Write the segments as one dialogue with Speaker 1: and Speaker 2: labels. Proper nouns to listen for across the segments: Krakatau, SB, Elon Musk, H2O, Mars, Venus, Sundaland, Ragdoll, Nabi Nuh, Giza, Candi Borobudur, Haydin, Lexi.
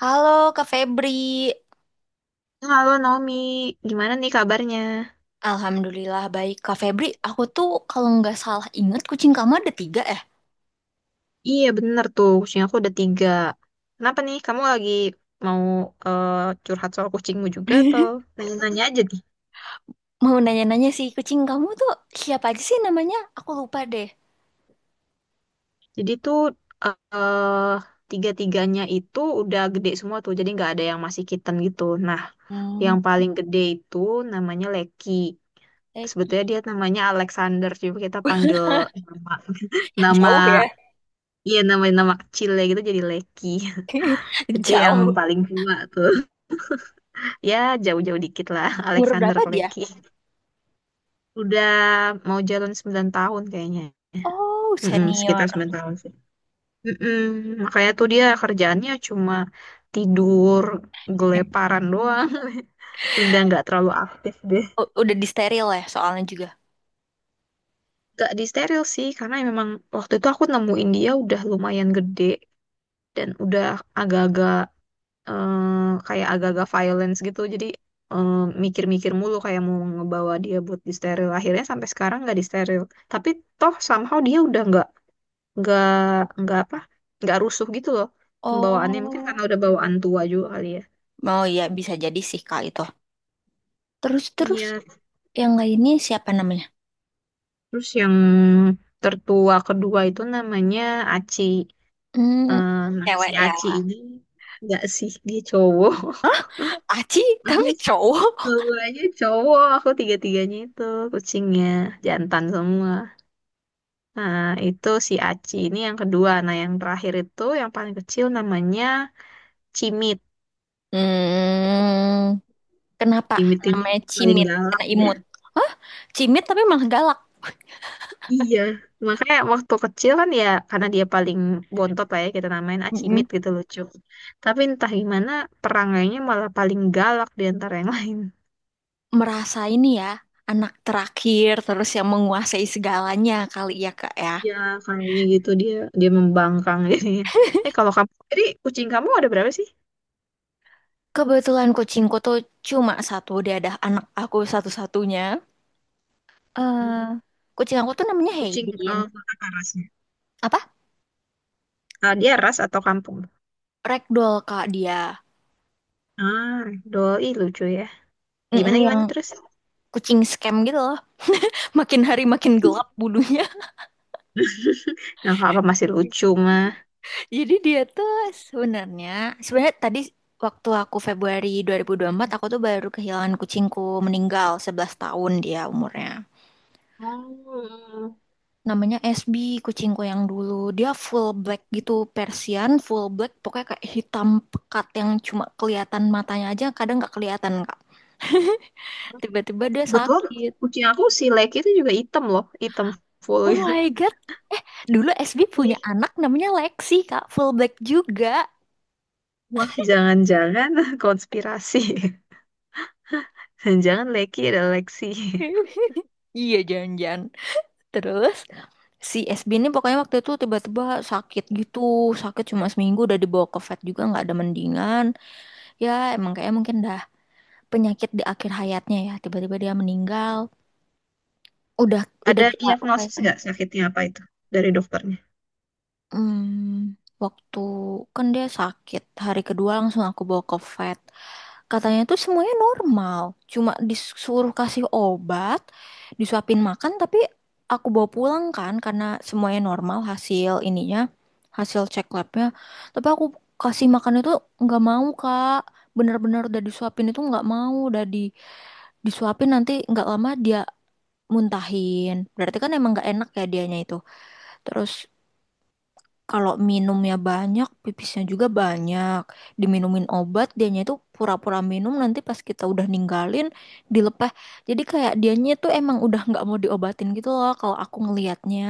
Speaker 1: Halo, Kak Febri.
Speaker 2: Halo Naomi, gimana nih kabarnya?
Speaker 1: Alhamdulillah baik, Kak Febri. Aku tuh kalau nggak salah ingat kucing kamu ada tiga, eh.
Speaker 2: Iya bener tuh, kucing aku udah tiga. Kenapa nih, kamu lagi mau eh, curhat soal kucingmu juga atau nanya-nanya aja nih?
Speaker 1: Mau nanya-nanya sih, kucing kamu tuh siapa aja sih namanya? Aku lupa deh.
Speaker 2: Jadi tuh eh tiga-tiganya itu udah gede semua tuh, jadi nggak ada yang masih kitten gitu. Nah,
Speaker 1: Hmm,
Speaker 2: yang paling gede itu namanya Leki. Sebetulnya
Speaker 1: Eki.
Speaker 2: dia namanya Alexander, cuma kita panggil nama, nama,
Speaker 1: Jauh ya.
Speaker 2: iya, nama nama kecil ya gitu jadi Leki. Itu yang
Speaker 1: Jauh.
Speaker 2: paling tua tuh. Ya, jauh-jauh dikit lah.
Speaker 1: Umur
Speaker 2: Alexander
Speaker 1: berapa dia?
Speaker 2: Kleki. Udah mau jalan 9 tahun kayaknya.
Speaker 1: Oh,
Speaker 2: Mm-mm, sekitar
Speaker 1: senior.
Speaker 2: 9 tahun sih. Mm-mm. Makanya tuh dia kerjaannya cuma tidur, geleparan doang. Udah nggak terlalu aktif deh.
Speaker 1: Udah disteril ya soalnya juga.
Speaker 2: Gak disteril sih, karena memang waktu itu aku nemuin dia udah lumayan gede. Dan udah agak-agak eh, kayak agak-agak violence gitu jadi eh, mikir-mikir mulu kayak mau ngebawa dia buat disteril akhirnya sampai sekarang nggak disteril tapi toh somehow dia udah nggak nggak apa nggak rusuh gitu loh pembawaannya mungkin karena
Speaker 1: Oh.
Speaker 2: udah bawaan tua juga kali ya.
Speaker 1: Oh, iya bisa jadi sih, Kak, itu. Terus-terus,
Speaker 2: Iya,
Speaker 1: yang lainnya siapa namanya?
Speaker 2: terus yang tertua kedua itu namanya Aci.
Speaker 1: Hmm,
Speaker 2: Nah si
Speaker 1: cewek ya.
Speaker 2: Aci ini nggak sih dia cowok.
Speaker 1: Aci
Speaker 2: Aku
Speaker 1: tapi cowok.
Speaker 2: semuanya cowok, aku tiga-tiganya itu kucingnya jantan semua. Nah, itu si Aci ini yang kedua. Nah, yang terakhir itu yang paling kecil namanya Cimit.
Speaker 1: Hmm, kenapa
Speaker 2: Cimit ini
Speaker 1: namanya
Speaker 2: paling
Speaker 1: cimit?
Speaker 2: galak
Speaker 1: Karena
Speaker 2: deh.
Speaker 1: imut. Hah? Cimit tapi malah galak.
Speaker 2: Iya, makanya waktu kecil kan ya karena dia paling bontot lah ya kita namain Acimit
Speaker 1: Mm-mm.
Speaker 2: gitu lucu. Tapi entah gimana perangainya malah paling galak di antara yang lain.
Speaker 1: Merasa ini ya, anak terakhir terus yang menguasai segalanya kali ya, Kak ya.
Speaker 2: Ya, kayaknya gitu dia dia membangkang jadinya. Kalau kamu jadi kucing kamu ada berapa sih?
Speaker 1: Kebetulan kucingku tuh cuma satu, dia ada anak aku satu-satunya.
Speaker 2: Hmm.
Speaker 1: eh kucing aku tuh namanya
Speaker 2: Kucing
Speaker 1: Haydin.
Speaker 2: apa rasnya?
Speaker 1: Apa?
Speaker 2: Ah, dia ras atau kampung?
Speaker 1: Ragdoll, Kak, dia.
Speaker 2: Ah, doi lucu ya.
Speaker 1: Mm-mm,
Speaker 2: Gimana
Speaker 1: yang
Speaker 2: gimana terus?
Speaker 1: kucing scam gitu loh. Makin hari makin gelap bulunya.
Speaker 2: Yang apa masih lucu mah?
Speaker 1: Jadi dia tuh sebenarnya sebenarnya tadi waktu aku Februari 2024, aku tuh baru kehilangan kucingku, meninggal 11 tahun dia umurnya.
Speaker 2: Oh.
Speaker 1: Namanya SB, kucingku yang dulu. Dia full black gitu, Persian full black, pokoknya kayak hitam pekat yang cuma kelihatan matanya aja, kadang nggak kelihatan, Kak. Tiba-tiba dia
Speaker 2: Betul,
Speaker 1: sakit.
Speaker 2: kucing aku si Leki itu juga hitam loh, hitam full
Speaker 1: Oh
Speaker 2: gitu.
Speaker 1: my God. Eh, dulu SB
Speaker 2: Iya.
Speaker 1: punya anak namanya Lexi, Kak, full black juga.
Speaker 2: Wah, jangan-jangan konspirasi. Jangan-jangan Leki ada Lexi.
Speaker 1: Iya, jangan-jangan. Terus si SB ini pokoknya waktu itu tiba-tiba sakit gitu, sakit cuma seminggu udah dibawa ke vet juga nggak ada mendingan. Ya emang kayak mungkin dah penyakit di akhir hayatnya ya, tiba-tiba dia meninggal. Udah udah
Speaker 2: Ada
Speaker 1: kita
Speaker 2: diagnosis
Speaker 1: upayakan.
Speaker 2: nggak sakitnya apa itu dari dokternya?
Speaker 1: Hmm, waktu kan dia sakit hari kedua langsung aku bawa ke vet. Katanya tuh semuanya normal, cuma disuruh kasih obat, disuapin makan, tapi aku bawa pulang kan karena semuanya normal hasil ininya, hasil cek labnya. Tapi aku kasih makan itu nggak mau, Kak, bener-bener udah disuapin itu nggak mau, udah disuapin nanti nggak lama dia muntahin. Berarti kan emang nggak enak ya dianya itu. Terus kalau minumnya banyak, pipisnya juga banyak. Diminumin obat, dianya itu pura-pura minum, nanti pas kita udah ninggalin, dilepas. Jadi kayak dianya tuh emang udah nggak mau diobatin gitu loh kalau aku ngelihatnya.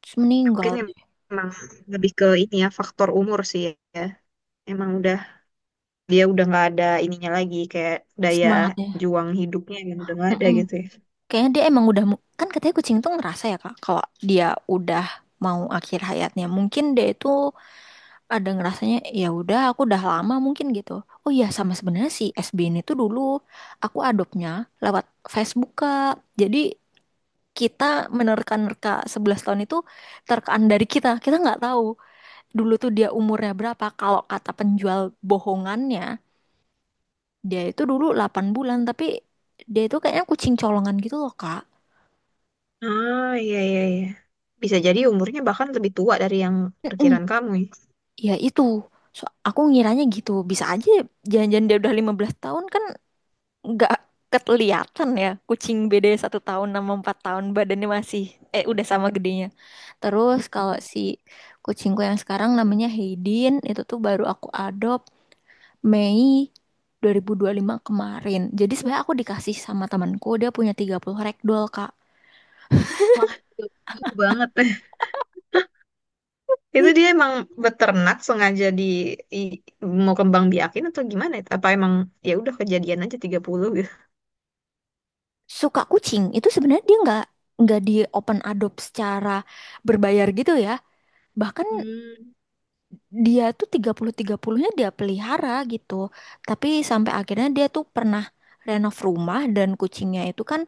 Speaker 1: Terus meninggal
Speaker 2: Mungkin
Speaker 1: deh.
Speaker 2: emang lebih ke ini ya, faktor umur sih ya. Emang udah, dia udah nggak ada ininya lagi, kayak daya
Speaker 1: Semangatnya.
Speaker 2: juang hidupnya yang udah nggak ada
Speaker 1: Mm-mm.
Speaker 2: gitu ya.
Speaker 1: Kayaknya dia emang udah, kan katanya kucing tuh ngerasa ya Kak, kalau dia udah mau akhir hayatnya. Mungkin dia itu ada ngerasanya, ya udah aku udah lama mungkin gitu. Oh, iya, sama sebenarnya si SB ini tuh dulu aku adopnya lewat Facebook, Kak. Jadi kita menerka-nerka 11 tahun itu terkaan dari kita. Kita nggak tahu dulu tuh dia umurnya berapa. Kalau kata penjual bohongannya, dia itu dulu 8 bulan, tapi dia itu kayaknya kucing colongan gitu loh, Kak.
Speaker 2: Ah, iya, iya, iya. Bisa jadi umurnya bahkan lebih tua dari yang
Speaker 1: Mm-mm.
Speaker 2: perkiraan kamu ya.
Speaker 1: Ya itu. So, aku ngiranya gitu. Bisa aja jangan-jangan dia udah 15 tahun kan, nggak kelihatan ya, kucing beda 1 tahun sama 4 tahun badannya masih udah sama gedenya. Terus kalau si kucingku yang sekarang namanya Haydin, itu tuh baru aku adopt Mei 2025 kemarin, jadi sebenarnya aku dikasih sama temanku, dia punya 30 ragdoll, Kak.
Speaker 2: Wah, jauh banget.
Speaker 1: Jadi,
Speaker 2: Itu dia emang beternak sengaja i- mau kembang biakin atau gimana? Apa emang ya udah kejadian aja 30 gitu.
Speaker 1: suka kucing itu sebenarnya dia nggak di open adopt secara berbayar gitu ya, bahkan
Speaker 2: Hmm.
Speaker 1: dia tuh 30-30-nya dia pelihara gitu. Tapi sampai akhirnya dia tuh pernah renov rumah, dan kucingnya itu kan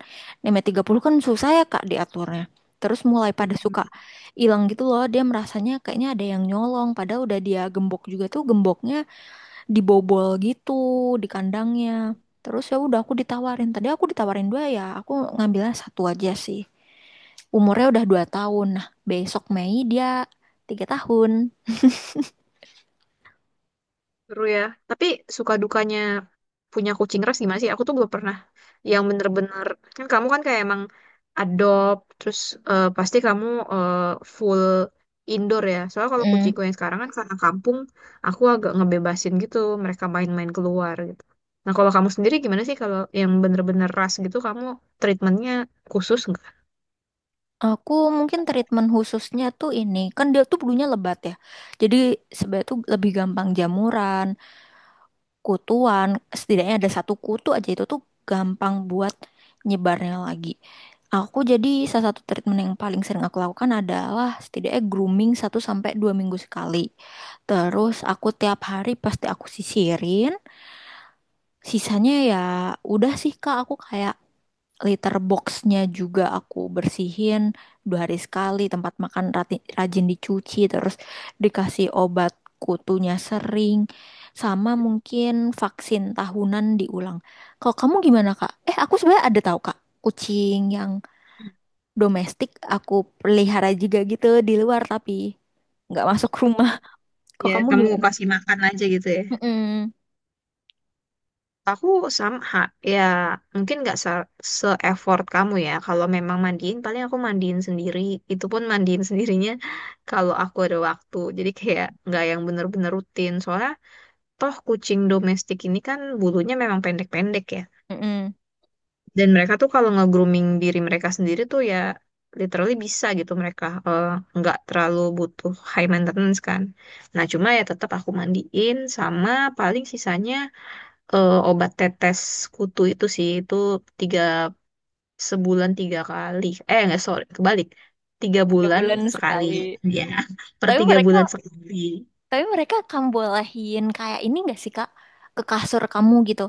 Speaker 1: nenek 30 kan susah ya Kak diaturnya. Terus mulai pada suka hilang gitu loh, dia merasanya kayaknya ada yang nyolong, padahal udah dia gembok juga, tuh gemboknya dibobol gitu di kandangnya. Terus ya udah aku ditawarin. Tadi aku ditawarin dua ya, aku ngambilnya satu aja sih. Umurnya udah 2 tahun. Nah, besok Mei dia 3 tahun.
Speaker 2: Seru ya. Tapi suka dukanya punya kucing ras gimana sih? Aku tuh belum pernah yang bener-bener. Kan kamu kan kayak emang adopt, terus pasti kamu eh, full indoor ya. Soalnya kalau kucingku yang sekarang kan karena kampung, aku agak ngebebasin gitu. Mereka main-main keluar gitu. Nah kalau kamu sendiri gimana sih kalau yang bener-bener ras gitu, kamu treatmentnya khusus nggak?
Speaker 1: Aku mungkin treatment khususnya tuh ini, kan dia tuh bulunya lebat ya. Jadi sebenarnya tuh lebih gampang jamuran, kutuan, setidaknya ada satu kutu aja itu tuh gampang buat nyebarnya lagi. Aku jadi salah satu treatment yang paling sering aku lakukan adalah setidaknya grooming 1 sampai 2 minggu sekali. Terus aku tiap hari pasti aku sisirin. Sisanya ya udah sih, Kak, aku kayak litter boxnya juga aku bersihin 2 hari sekali. Tempat makan rajin dicuci, terus dikasih obat kutunya sering. Sama mungkin vaksin tahunan diulang. Kalau kamu gimana, Kak? Eh, aku sebenarnya ada tahu, Kak. Kucing yang
Speaker 2: Hmm.
Speaker 1: domestik aku pelihara juga gitu di luar tapi nggak masuk rumah. Kok
Speaker 2: Ya,
Speaker 1: kamu
Speaker 2: kamu
Speaker 1: gimana?
Speaker 2: kasih makan aja gitu ya.
Speaker 1: Mm-mm.
Speaker 2: Aku sama, ya mungkin nggak se-effort kamu ya. Kalau memang mandiin, paling aku mandiin sendiri. Itu pun mandiin sendirinya kalau aku ada waktu. Jadi kayak nggak yang bener-bener rutin. Soalnya toh kucing domestik ini kan bulunya memang pendek-pendek ya.
Speaker 1: Mm-mm.
Speaker 2: Dan mereka tuh kalau nge-grooming diri mereka sendiri tuh ya literally bisa gitu mereka nggak terlalu butuh high maintenance kan. Nah cuma ya tetap aku mandiin sama paling sisanya obat tetes kutu itu sih itu tiga sebulan tiga kali eh nggak sorry kebalik tiga
Speaker 1: Tiga
Speaker 2: bulan
Speaker 1: bulan
Speaker 2: sekali
Speaker 1: sekali.
Speaker 2: ya per
Speaker 1: Tapi
Speaker 2: tiga
Speaker 1: mereka
Speaker 2: bulan sekali
Speaker 1: Tapi mereka kamu bolehin kayak ini gak sih, Kak? Ke kasur kamu gitu.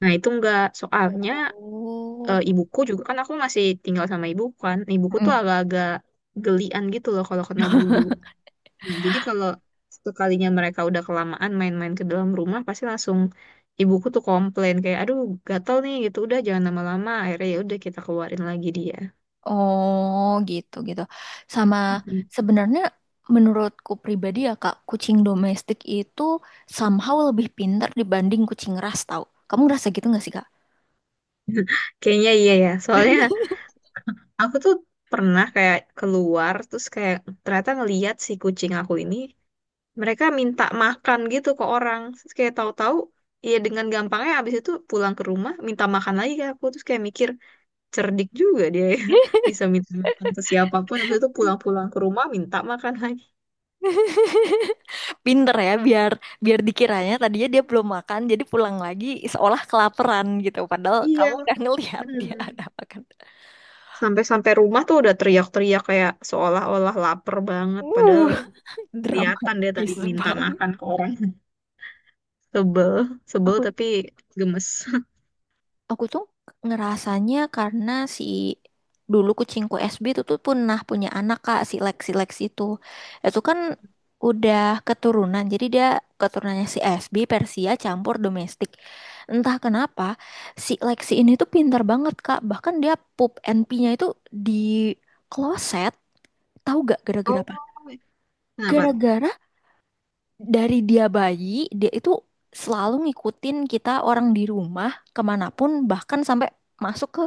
Speaker 2: nah itu nggak soalnya
Speaker 1: Oh.
Speaker 2: ibuku juga kan aku masih tinggal sama ibuku kan ibuku tuh
Speaker 1: Mm.
Speaker 2: agak-agak gelian gitu loh kalau kena bulu nah jadi kalau sekalinya mereka udah kelamaan main-main ke dalam rumah pasti langsung ibuku tuh komplain kayak aduh gatel nih gitu udah jangan lama-lama akhirnya ya udah kita keluarin lagi dia.
Speaker 1: Oh, gitu gitu. Sama sebenarnya menurutku pribadi ya Kak, kucing domestik itu somehow lebih pintar dibanding kucing ras, tau. Kamu ngerasa gitu gak sih, Kak?
Speaker 2: Kayaknya iya ya. Soalnya aku tuh pernah kayak keluar terus kayak ternyata ngeliat si kucing aku ini mereka minta makan gitu ke orang. Terus kayak tahu-tahu ya dengan gampangnya abis itu pulang ke rumah minta makan lagi ke aku terus kayak mikir cerdik juga dia ya bisa minta makan ke siapapun abis itu pulang-pulang ke rumah minta makan lagi.
Speaker 1: Pinter ya, biar biar dikiranya tadinya dia belum makan jadi pulang lagi seolah kelaparan gitu. Padahal kamu
Speaker 2: Iya,
Speaker 1: udah ngelihat dia
Speaker 2: bener.
Speaker 1: ada makan.
Speaker 2: Sampai-sampai rumah tuh udah teriak-teriak kayak seolah-olah lapar banget
Speaker 1: Uh,
Speaker 2: padahal kelihatan dia tadi
Speaker 1: dramatis
Speaker 2: minta
Speaker 1: banget.
Speaker 2: makan ke orang. Sebel, sebel
Speaker 1: Aku
Speaker 2: tapi gemes.
Speaker 1: aku tuh ngerasanya karena si dulu kucingku SB itu tuh pernah punya anak, Kak, si Lex itu. Itu kan udah keturunan. Jadi dia keturunannya si SB, Persia campur domestik. Entah kenapa si Lexi ini tuh pintar banget, Kak. Bahkan dia pup and pee-nya itu di kloset. Tahu gak
Speaker 2: Oh,
Speaker 1: gara-gara apa?
Speaker 2: kenapa?
Speaker 1: Gara-gara dari dia bayi, dia itu selalu ngikutin kita orang di rumah kemanapun, bahkan sampai masuk ke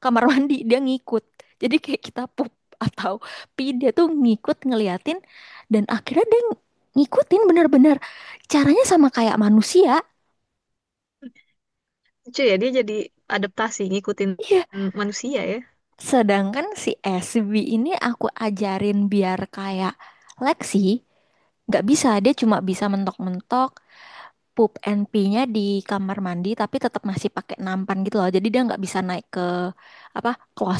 Speaker 1: kamar mandi dia ngikut, jadi kayak kita pup atau pi dia tuh ngikut ngeliatin, dan akhirnya dia ngikutin, bener-bener caranya sama kayak manusia.
Speaker 2: Lucu ya, dia jadi adaptasi ngikutin
Speaker 1: Iya,
Speaker 2: manusia ya.
Speaker 1: sedangkan si SB ini aku ajarin biar kayak Lexi nggak bisa, dia cuma bisa mentok-mentok pup and pee-nya di kamar mandi tapi tetap masih pakai nampan gitu loh, jadi dia nggak bisa naik ke apa,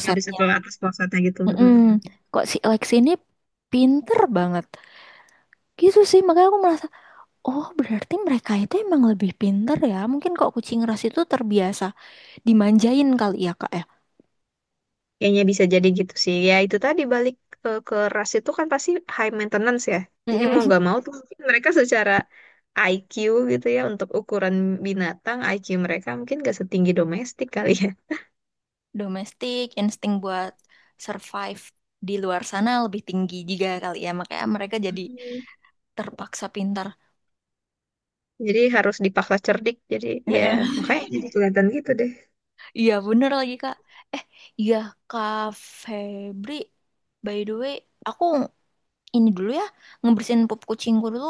Speaker 2: Nggak bisa keluar atas puasanya gitu.
Speaker 1: Mm-mm.
Speaker 2: Mm.
Speaker 1: Kok si Lexi ini pinter banget gitu sih, makanya aku merasa, oh, berarti mereka itu emang lebih pinter ya. Mungkin kok kucing ras itu terbiasa dimanjain kali ya, Kak ya.
Speaker 2: Kayaknya bisa jadi gitu sih. Ya itu tadi balik ke ras itu kan pasti high maintenance ya. Jadi mau
Speaker 1: Mm-mm.
Speaker 2: nggak mau tuh mungkin mereka secara IQ gitu ya untuk ukuran binatang IQ mereka mungkin nggak setinggi domestik kali ya.
Speaker 1: Domestik, insting buat survive di luar sana lebih tinggi juga kali ya. Makanya mereka jadi
Speaker 2: Mhm.
Speaker 1: terpaksa pintar.
Speaker 2: Jadi harus dipaksa cerdik. Jadi ya makanya jadi kelihatan gitu deh.
Speaker 1: Iya, bener lagi, Kak. Eh, iya, Kak Febri. By the way, aku ini dulu ya, ngebersihin pup kucingku dulu.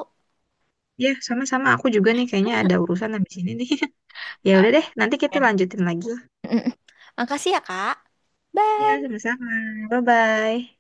Speaker 2: Ya, sama-sama. Aku juga nih kayaknya ada urusan habis ini nih. Ya
Speaker 1: Ah,
Speaker 2: udah deh, nanti kita
Speaker 1: ya dah.
Speaker 2: lanjutin lagi.
Speaker 1: Mm-mm. Makasih ya, Kak. Bye.
Speaker 2: Ya, sama-sama. Bye-bye.